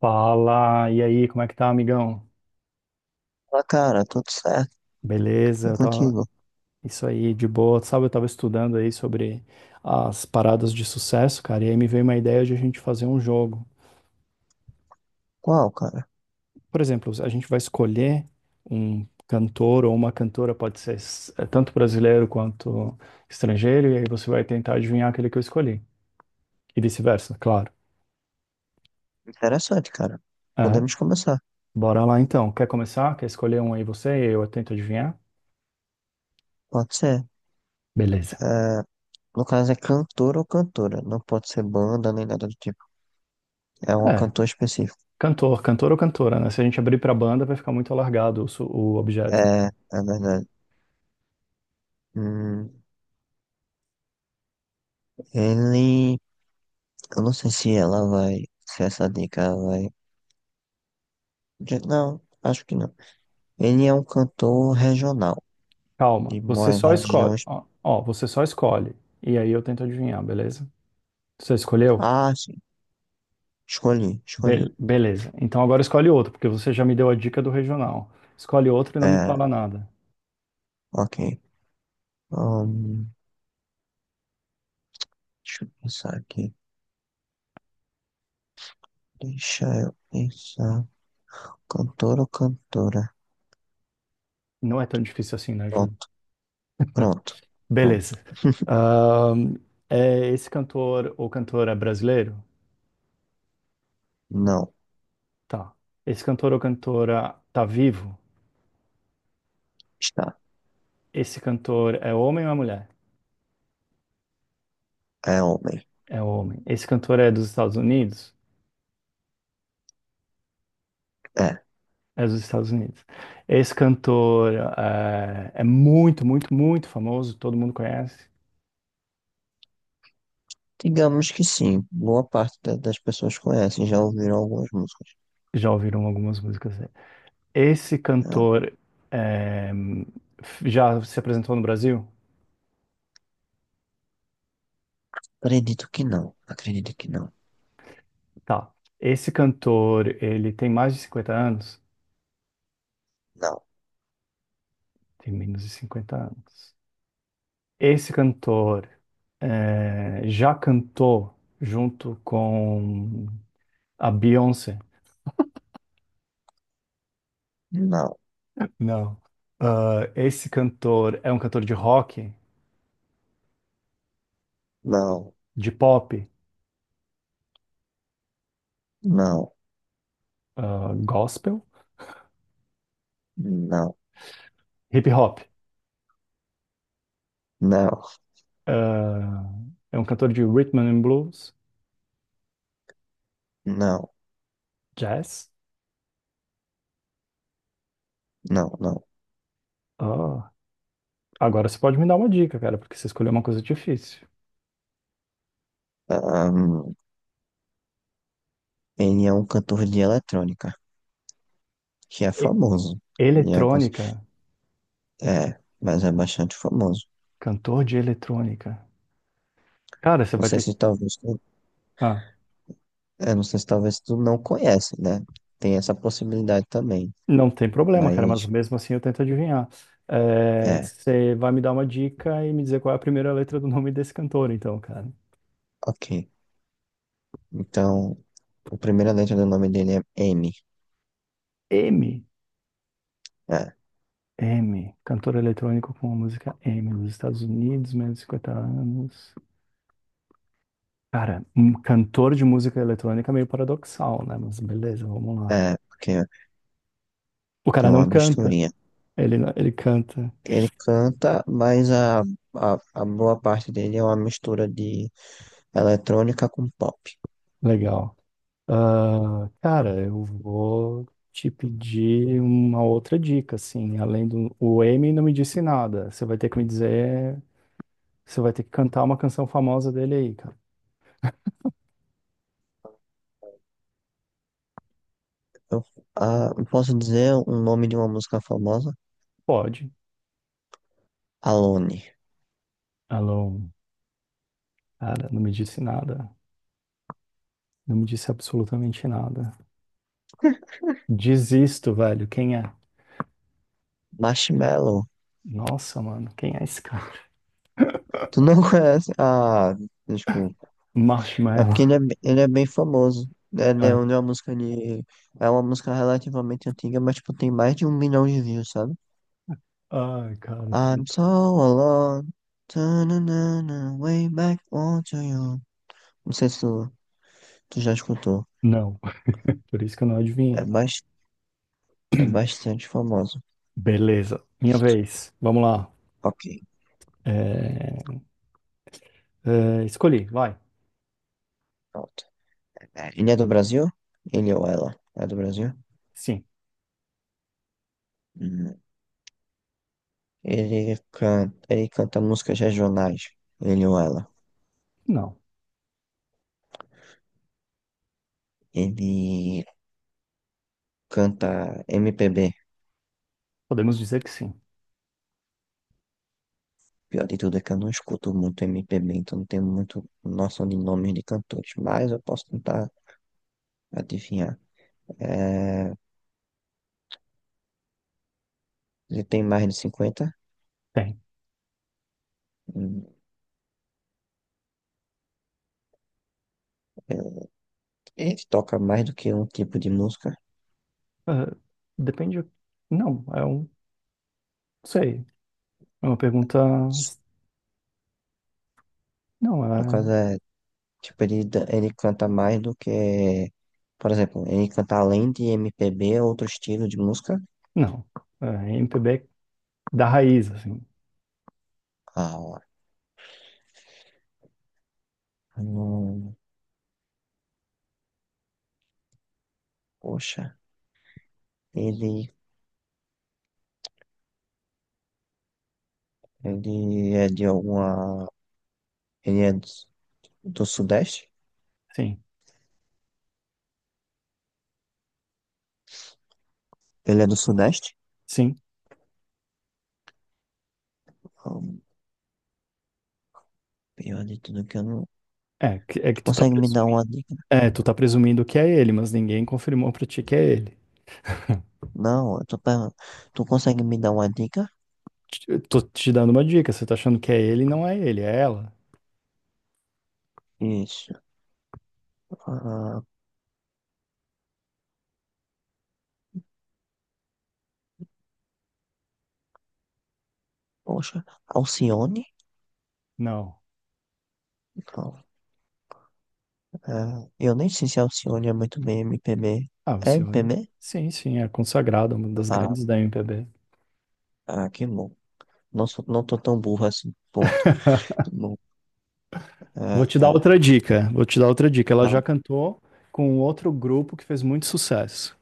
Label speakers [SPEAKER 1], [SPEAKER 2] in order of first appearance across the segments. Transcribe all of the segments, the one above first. [SPEAKER 1] Fala, e aí, como é que tá, amigão?
[SPEAKER 2] Ah, cara, tudo certo.
[SPEAKER 1] Beleza,
[SPEAKER 2] E
[SPEAKER 1] eu tava
[SPEAKER 2] contigo?
[SPEAKER 1] isso aí de boa. Sabe, eu tava estudando aí sobre as paradas de sucesso, cara, e aí me veio uma ideia de a gente fazer um jogo.
[SPEAKER 2] Qual, cara?
[SPEAKER 1] Por exemplo, a gente vai escolher um cantor ou uma cantora, pode ser tanto brasileiro quanto estrangeiro, e aí você vai tentar adivinhar aquele que eu escolhi, e vice-versa, claro.
[SPEAKER 2] Interessante, cara.
[SPEAKER 1] É,
[SPEAKER 2] Podemos começar.
[SPEAKER 1] bora lá então. Quer começar? Quer escolher um aí você e eu tento adivinhar?
[SPEAKER 2] Pode ser.
[SPEAKER 1] Beleza.
[SPEAKER 2] É, no caso, é cantor ou cantora. Não pode ser banda nem nada do tipo. É um
[SPEAKER 1] É.
[SPEAKER 2] cantor específico.
[SPEAKER 1] Cantor, cantor ou cantora, né? Se a gente abrir para banda, vai ficar muito alargado o, o objeto.
[SPEAKER 2] É, é verdade. Hum, Ele. Eu não sei se ela vai. Se essa dica vai. Não, acho que não. Ele é um cantor regional.
[SPEAKER 1] Calma,
[SPEAKER 2] E
[SPEAKER 1] você
[SPEAKER 2] mora na
[SPEAKER 1] só escolhe.
[SPEAKER 2] região.
[SPEAKER 1] Ó, ó, você só escolhe. E aí eu tento adivinhar, beleza? Você escolheu?
[SPEAKER 2] Ah, sim. Escolhi, escolhi.
[SPEAKER 1] Beleza. Então agora escolhe outro, porque você já me deu a dica do regional. Escolhe outro e não me
[SPEAKER 2] É,
[SPEAKER 1] fala nada.
[SPEAKER 2] ok. Hum, Deixa eu pensar aqui. Deixa eu pensar. Cantor ou cantora?
[SPEAKER 1] Não é tão difícil assim, né, Júlio?
[SPEAKER 2] Pronto, pronto, pronto.
[SPEAKER 1] Beleza. Ahn, é esse cantor ou cantora é brasileiro?
[SPEAKER 2] Não,
[SPEAKER 1] Tá. Esse cantor ou cantora tá vivo?
[SPEAKER 2] está.
[SPEAKER 1] Esse cantor é homem ou é mulher?
[SPEAKER 2] É homem.
[SPEAKER 1] É o homem. Esse cantor é dos Estados Unidos?
[SPEAKER 2] É.
[SPEAKER 1] É dos Estados Unidos. Esse cantor é, muito, muito, muito famoso, todo mundo conhece.
[SPEAKER 2] Digamos que sim. Boa parte das pessoas conhecem, já ouviram algumas músicas.
[SPEAKER 1] Já ouviram algumas músicas dele. Esse
[SPEAKER 2] Ah,
[SPEAKER 1] cantor eh, já se apresentou no Brasil?
[SPEAKER 2] acredito que não. Acredito que não.
[SPEAKER 1] Tá. Esse cantor, ele tem mais de 50 anos?
[SPEAKER 2] Não,
[SPEAKER 1] Tem menos de 50 anos. Esse cantor já cantou junto com a Beyoncé?
[SPEAKER 2] não,
[SPEAKER 1] Não. Ah, esse cantor é um cantor de rock,
[SPEAKER 2] não,
[SPEAKER 1] de pop,
[SPEAKER 2] não,
[SPEAKER 1] ah, gospel,
[SPEAKER 2] não,
[SPEAKER 1] hip hop.
[SPEAKER 2] não,
[SPEAKER 1] Ah, é um cantor de rhythm and blues,
[SPEAKER 2] não,
[SPEAKER 1] jazz.
[SPEAKER 2] não, não.
[SPEAKER 1] Ah, agora você pode me dar uma dica, cara, porque você escolheu uma coisa difícil.
[SPEAKER 2] Ahn, Ele é um cantor de eletrônica, que é
[SPEAKER 1] E-
[SPEAKER 2] famoso. Ele é, cons-
[SPEAKER 1] Eletrônica,
[SPEAKER 2] é, mas é bastante famoso.
[SPEAKER 1] cantor de eletrônica. Cara, você
[SPEAKER 2] Não
[SPEAKER 1] vai
[SPEAKER 2] sei
[SPEAKER 1] ter.
[SPEAKER 2] se talvez.
[SPEAKER 1] Ah,
[SPEAKER 2] É, não sei se talvez tu não conhece, né? Tem essa possibilidade também.
[SPEAKER 1] não tem problema, cara, mas
[SPEAKER 2] Mas,
[SPEAKER 1] mesmo assim eu tento adivinhar. Eh,
[SPEAKER 2] é,
[SPEAKER 1] você vai me dar uma dica e me dizer qual é a primeira letra do nome desse cantor, então, cara.
[SPEAKER 2] ok. Então, a primeira letra do nome dele é M.
[SPEAKER 1] M.
[SPEAKER 2] É,
[SPEAKER 1] M, cantor eletrônico com a música M, nos Estados Unidos, menos de 50 anos. Cara, um cantor de música eletrônica é meio paradoxal, né? Mas beleza, vamos lá.
[SPEAKER 2] é, porque
[SPEAKER 1] O
[SPEAKER 2] tem
[SPEAKER 1] cara não
[SPEAKER 2] uma
[SPEAKER 1] canta,
[SPEAKER 2] misturinha.
[SPEAKER 1] ele, não- ele canta.
[SPEAKER 2] Ele canta, mas a boa parte dele é uma mistura de eletrônica com pop.
[SPEAKER 1] Legal. Ah, cara, eu vou te pedir uma outra dica, assim, além do. O M não me disse nada, você vai ter que me dizer, você vai ter que cantar uma canção famosa dele aí, cara.
[SPEAKER 2] Eu, eu posso dizer o nome de uma música famosa?
[SPEAKER 1] Pode.
[SPEAKER 2] Alone.
[SPEAKER 1] Alone, cara, não me disse nada. Não me disse absolutamente nada. Desisto, velho. Quem é?
[SPEAKER 2] Marshmello.
[SPEAKER 1] Nossa, mano, quem é esse cara?
[SPEAKER 2] Tu não conhece? Ah, desculpa. É porque
[SPEAKER 1] Marshmallow.
[SPEAKER 2] ele é bem famoso. É, né, é
[SPEAKER 1] É.
[SPEAKER 2] uma música de. É uma música relativamente antiga, mas tipo, tem mais de 1 milhão de views, sabe?
[SPEAKER 1] Ai, cara,
[SPEAKER 2] I'm
[SPEAKER 1] tanto.
[SPEAKER 2] so alone. Ta-na-na-na, way back onto you. Não sei se tu já escutou.
[SPEAKER 1] Não, por isso que eu não
[SPEAKER 2] É,
[SPEAKER 1] adivinhei.
[SPEAKER 2] bas- é bastante famoso.
[SPEAKER 1] Beleza, minha vez. Vamos lá.
[SPEAKER 2] Ok,
[SPEAKER 1] É, é, escolhi, vai.
[SPEAKER 2] pronto. É, ele é do Brasil? Ele ou ela? É do Brasil?
[SPEAKER 1] Sim.
[SPEAKER 2] Hum. Ele canta músicas regionais, ele ou ela.
[SPEAKER 1] Não.
[SPEAKER 2] Ele canta MPB.
[SPEAKER 1] Podemos dizer que sim.
[SPEAKER 2] Pior de tudo é que eu não escuto muito MPB, então não tenho muito noção de nomes de cantores, mas eu posso tentar adivinhar. É, ele tem mais de 50.
[SPEAKER 1] Tem.
[SPEAKER 2] hum, é, Ele toca mais do que um tipo de música.
[SPEAKER 1] É, depende. Não, é um. Não sei. É uma pergunta. Não,
[SPEAKER 2] No caso,
[SPEAKER 1] é.
[SPEAKER 2] é, tipo, ele canta mais do que. Por exemplo, ele canta além de MPB, outro estilo de música.
[SPEAKER 1] Não. É MPB da raiz, assim.
[SPEAKER 2] Ah, não. Poxa. Ele, ele é de alguma. Ele é do Sudeste?
[SPEAKER 1] Sim.
[SPEAKER 2] Ele é do Sudeste?
[SPEAKER 1] Sim.
[SPEAKER 2] Ah, pior de tudo que eu não.
[SPEAKER 1] É, é que
[SPEAKER 2] Tu
[SPEAKER 1] tu tá
[SPEAKER 2] consegue me dar
[SPEAKER 1] presumindo.
[SPEAKER 2] uma dica?
[SPEAKER 1] É, tu tá presumindo que é ele, mas ninguém confirmou pra ti que é ele.
[SPEAKER 2] Não, eu tô perguntando. Tu consegue me dar uma dica?
[SPEAKER 1] Tô te dando uma dica, você tá achando que é ele, não é ele, é ela.
[SPEAKER 2] Isso. Ah, poxa, Alcione?
[SPEAKER 1] Não.
[SPEAKER 2] Não, é, eu nem sei se Alcione é muito bem MPB.
[SPEAKER 1] Ah,
[SPEAKER 2] É
[SPEAKER 1] Alcione.
[SPEAKER 2] MPB?
[SPEAKER 1] Sim, sim, é consagrada, uma das
[SPEAKER 2] Ah,
[SPEAKER 1] grandes da MPB.
[SPEAKER 2] ah, que bom. Não, não tô tão burro assim. Ponto. Tá bom,
[SPEAKER 1] Vou te
[SPEAKER 2] é,
[SPEAKER 1] dar
[SPEAKER 2] é,
[SPEAKER 1] outra dica, vou te dar outra dica. Ela
[SPEAKER 2] tá
[SPEAKER 1] já
[SPEAKER 2] bom.
[SPEAKER 1] cantou com um outro grupo que fez muito sucesso.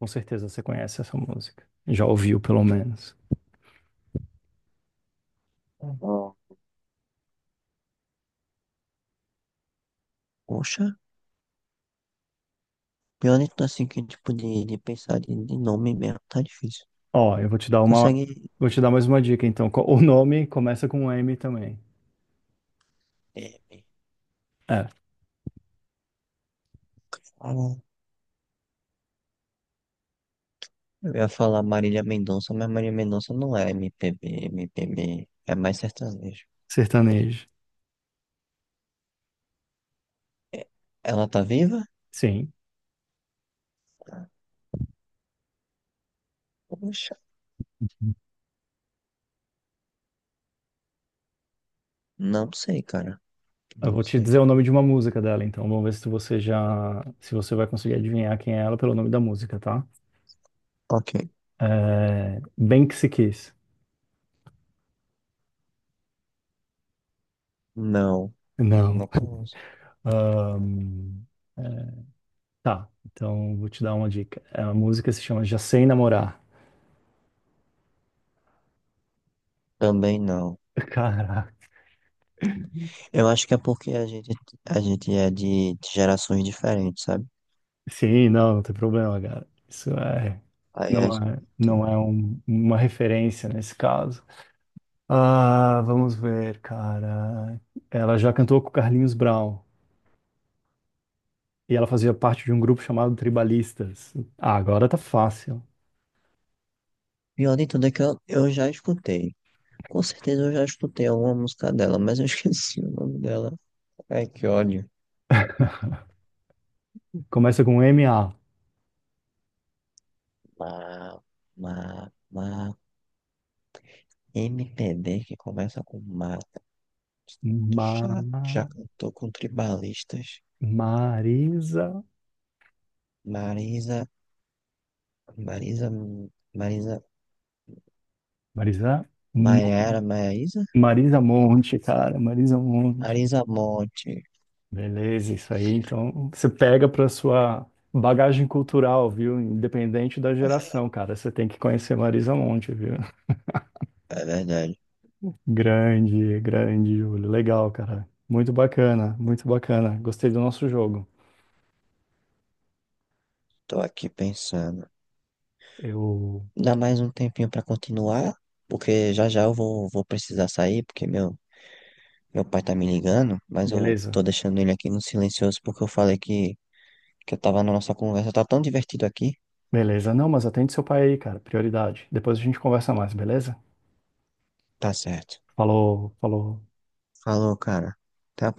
[SPEAKER 1] Com certeza você conhece essa música. Já ouviu, pelo menos.
[SPEAKER 2] Ah, poxa. Pior então, assim, que, tipo, de pensar de nome mesmo, tá difícil.
[SPEAKER 1] Ó, eu vou te dar uma,
[SPEAKER 2] Consegue.
[SPEAKER 1] vou te dar mais uma dica, então. O nome começa com M também.
[SPEAKER 2] é, me
[SPEAKER 1] É,
[SPEAKER 2] fala- eu ia falar Marília Mendonça, mas Marília Mendonça não é MPB, MPB. É mais sertanejo.
[SPEAKER 1] sertanejo.
[SPEAKER 2] É, ela tá viva?
[SPEAKER 1] Sim.
[SPEAKER 2] Poxa, não sei, cara.
[SPEAKER 1] Eu
[SPEAKER 2] Não
[SPEAKER 1] vou te dizer
[SPEAKER 2] sei.
[SPEAKER 1] o nome de uma música dela, então vamos ver se você já, se você vai conseguir adivinhar quem é ela pelo nome da música, tá?
[SPEAKER 2] Ok.
[SPEAKER 1] É. Banksy Kiss.
[SPEAKER 2] Não,
[SPEAKER 1] Não.
[SPEAKER 2] não conheço.
[SPEAKER 1] Ahn, é, tá, então vou te dar uma dica. É, a música se chama Já Sei Namorar.
[SPEAKER 2] Também não.
[SPEAKER 1] Caraca.
[SPEAKER 2] Eu acho que é porque a gente é de gerações diferentes, sabe?
[SPEAKER 1] Sim, não, não tem problema, cara. Isso é,
[SPEAKER 2] Aí a
[SPEAKER 1] não
[SPEAKER 2] gente...
[SPEAKER 1] é, não é um- uma referência nesse caso. Ah, vamos ver, cara. Ela já cantou com o Carlinhos Brown. E ela fazia parte de um grupo chamado Tribalistas. Ah, agora tá fácil.
[SPEAKER 2] Pior de tudo é que eu já escutei. Com certeza eu já escutei alguma música dela, mas eu esqueci o nome dela. Ai, que ódio.
[SPEAKER 1] Começa com MA.
[SPEAKER 2] Ma, ma, ma. MPB que começa com ma. Tu
[SPEAKER 1] Ma.
[SPEAKER 2] já cantou com tribalistas.
[SPEAKER 1] Marisa.
[SPEAKER 2] Marisa, Marisa, Marisa,
[SPEAKER 1] Marisa. Mo-
[SPEAKER 2] Maiara, Maísa?
[SPEAKER 1] Marisa Monte, cara. Marisa Monte.
[SPEAKER 2] Marisa Monte.
[SPEAKER 1] Beleza, isso aí. Então, você pega pra sua bagagem cultural, viu? Independente da geração, cara. Você tem que conhecer Marisa Monte, viu?
[SPEAKER 2] É verdade.
[SPEAKER 1] Grande, grande, Júlio. Legal, cara. Muito bacana, muito bacana. Gostei do nosso jogo.
[SPEAKER 2] Tô aqui pensando.
[SPEAKER 1] Eu.
[SPEAKER 2] Dá mais um tempinho pra continuar, porque já já eu vou precisar sair, porque Meu pai tá me ligando, mas eu
[SPEAKER 1] Beleza.
[SPEAKER 2] tô deixando ele aqui no silencioso porque eu falei que eu tava na nossa conversa. Tá tão divertido aqui.
[SPEAKER 1] Beleza, não, mas atende seu pai aí, cara, prioridade. Depois a gente conversa mais, beleza?
[SPEAKER 2] Tá certo.
[SPEAKER 1] Falou, falou.
[SPEAKER 2] Falou, cara. Até a próxima.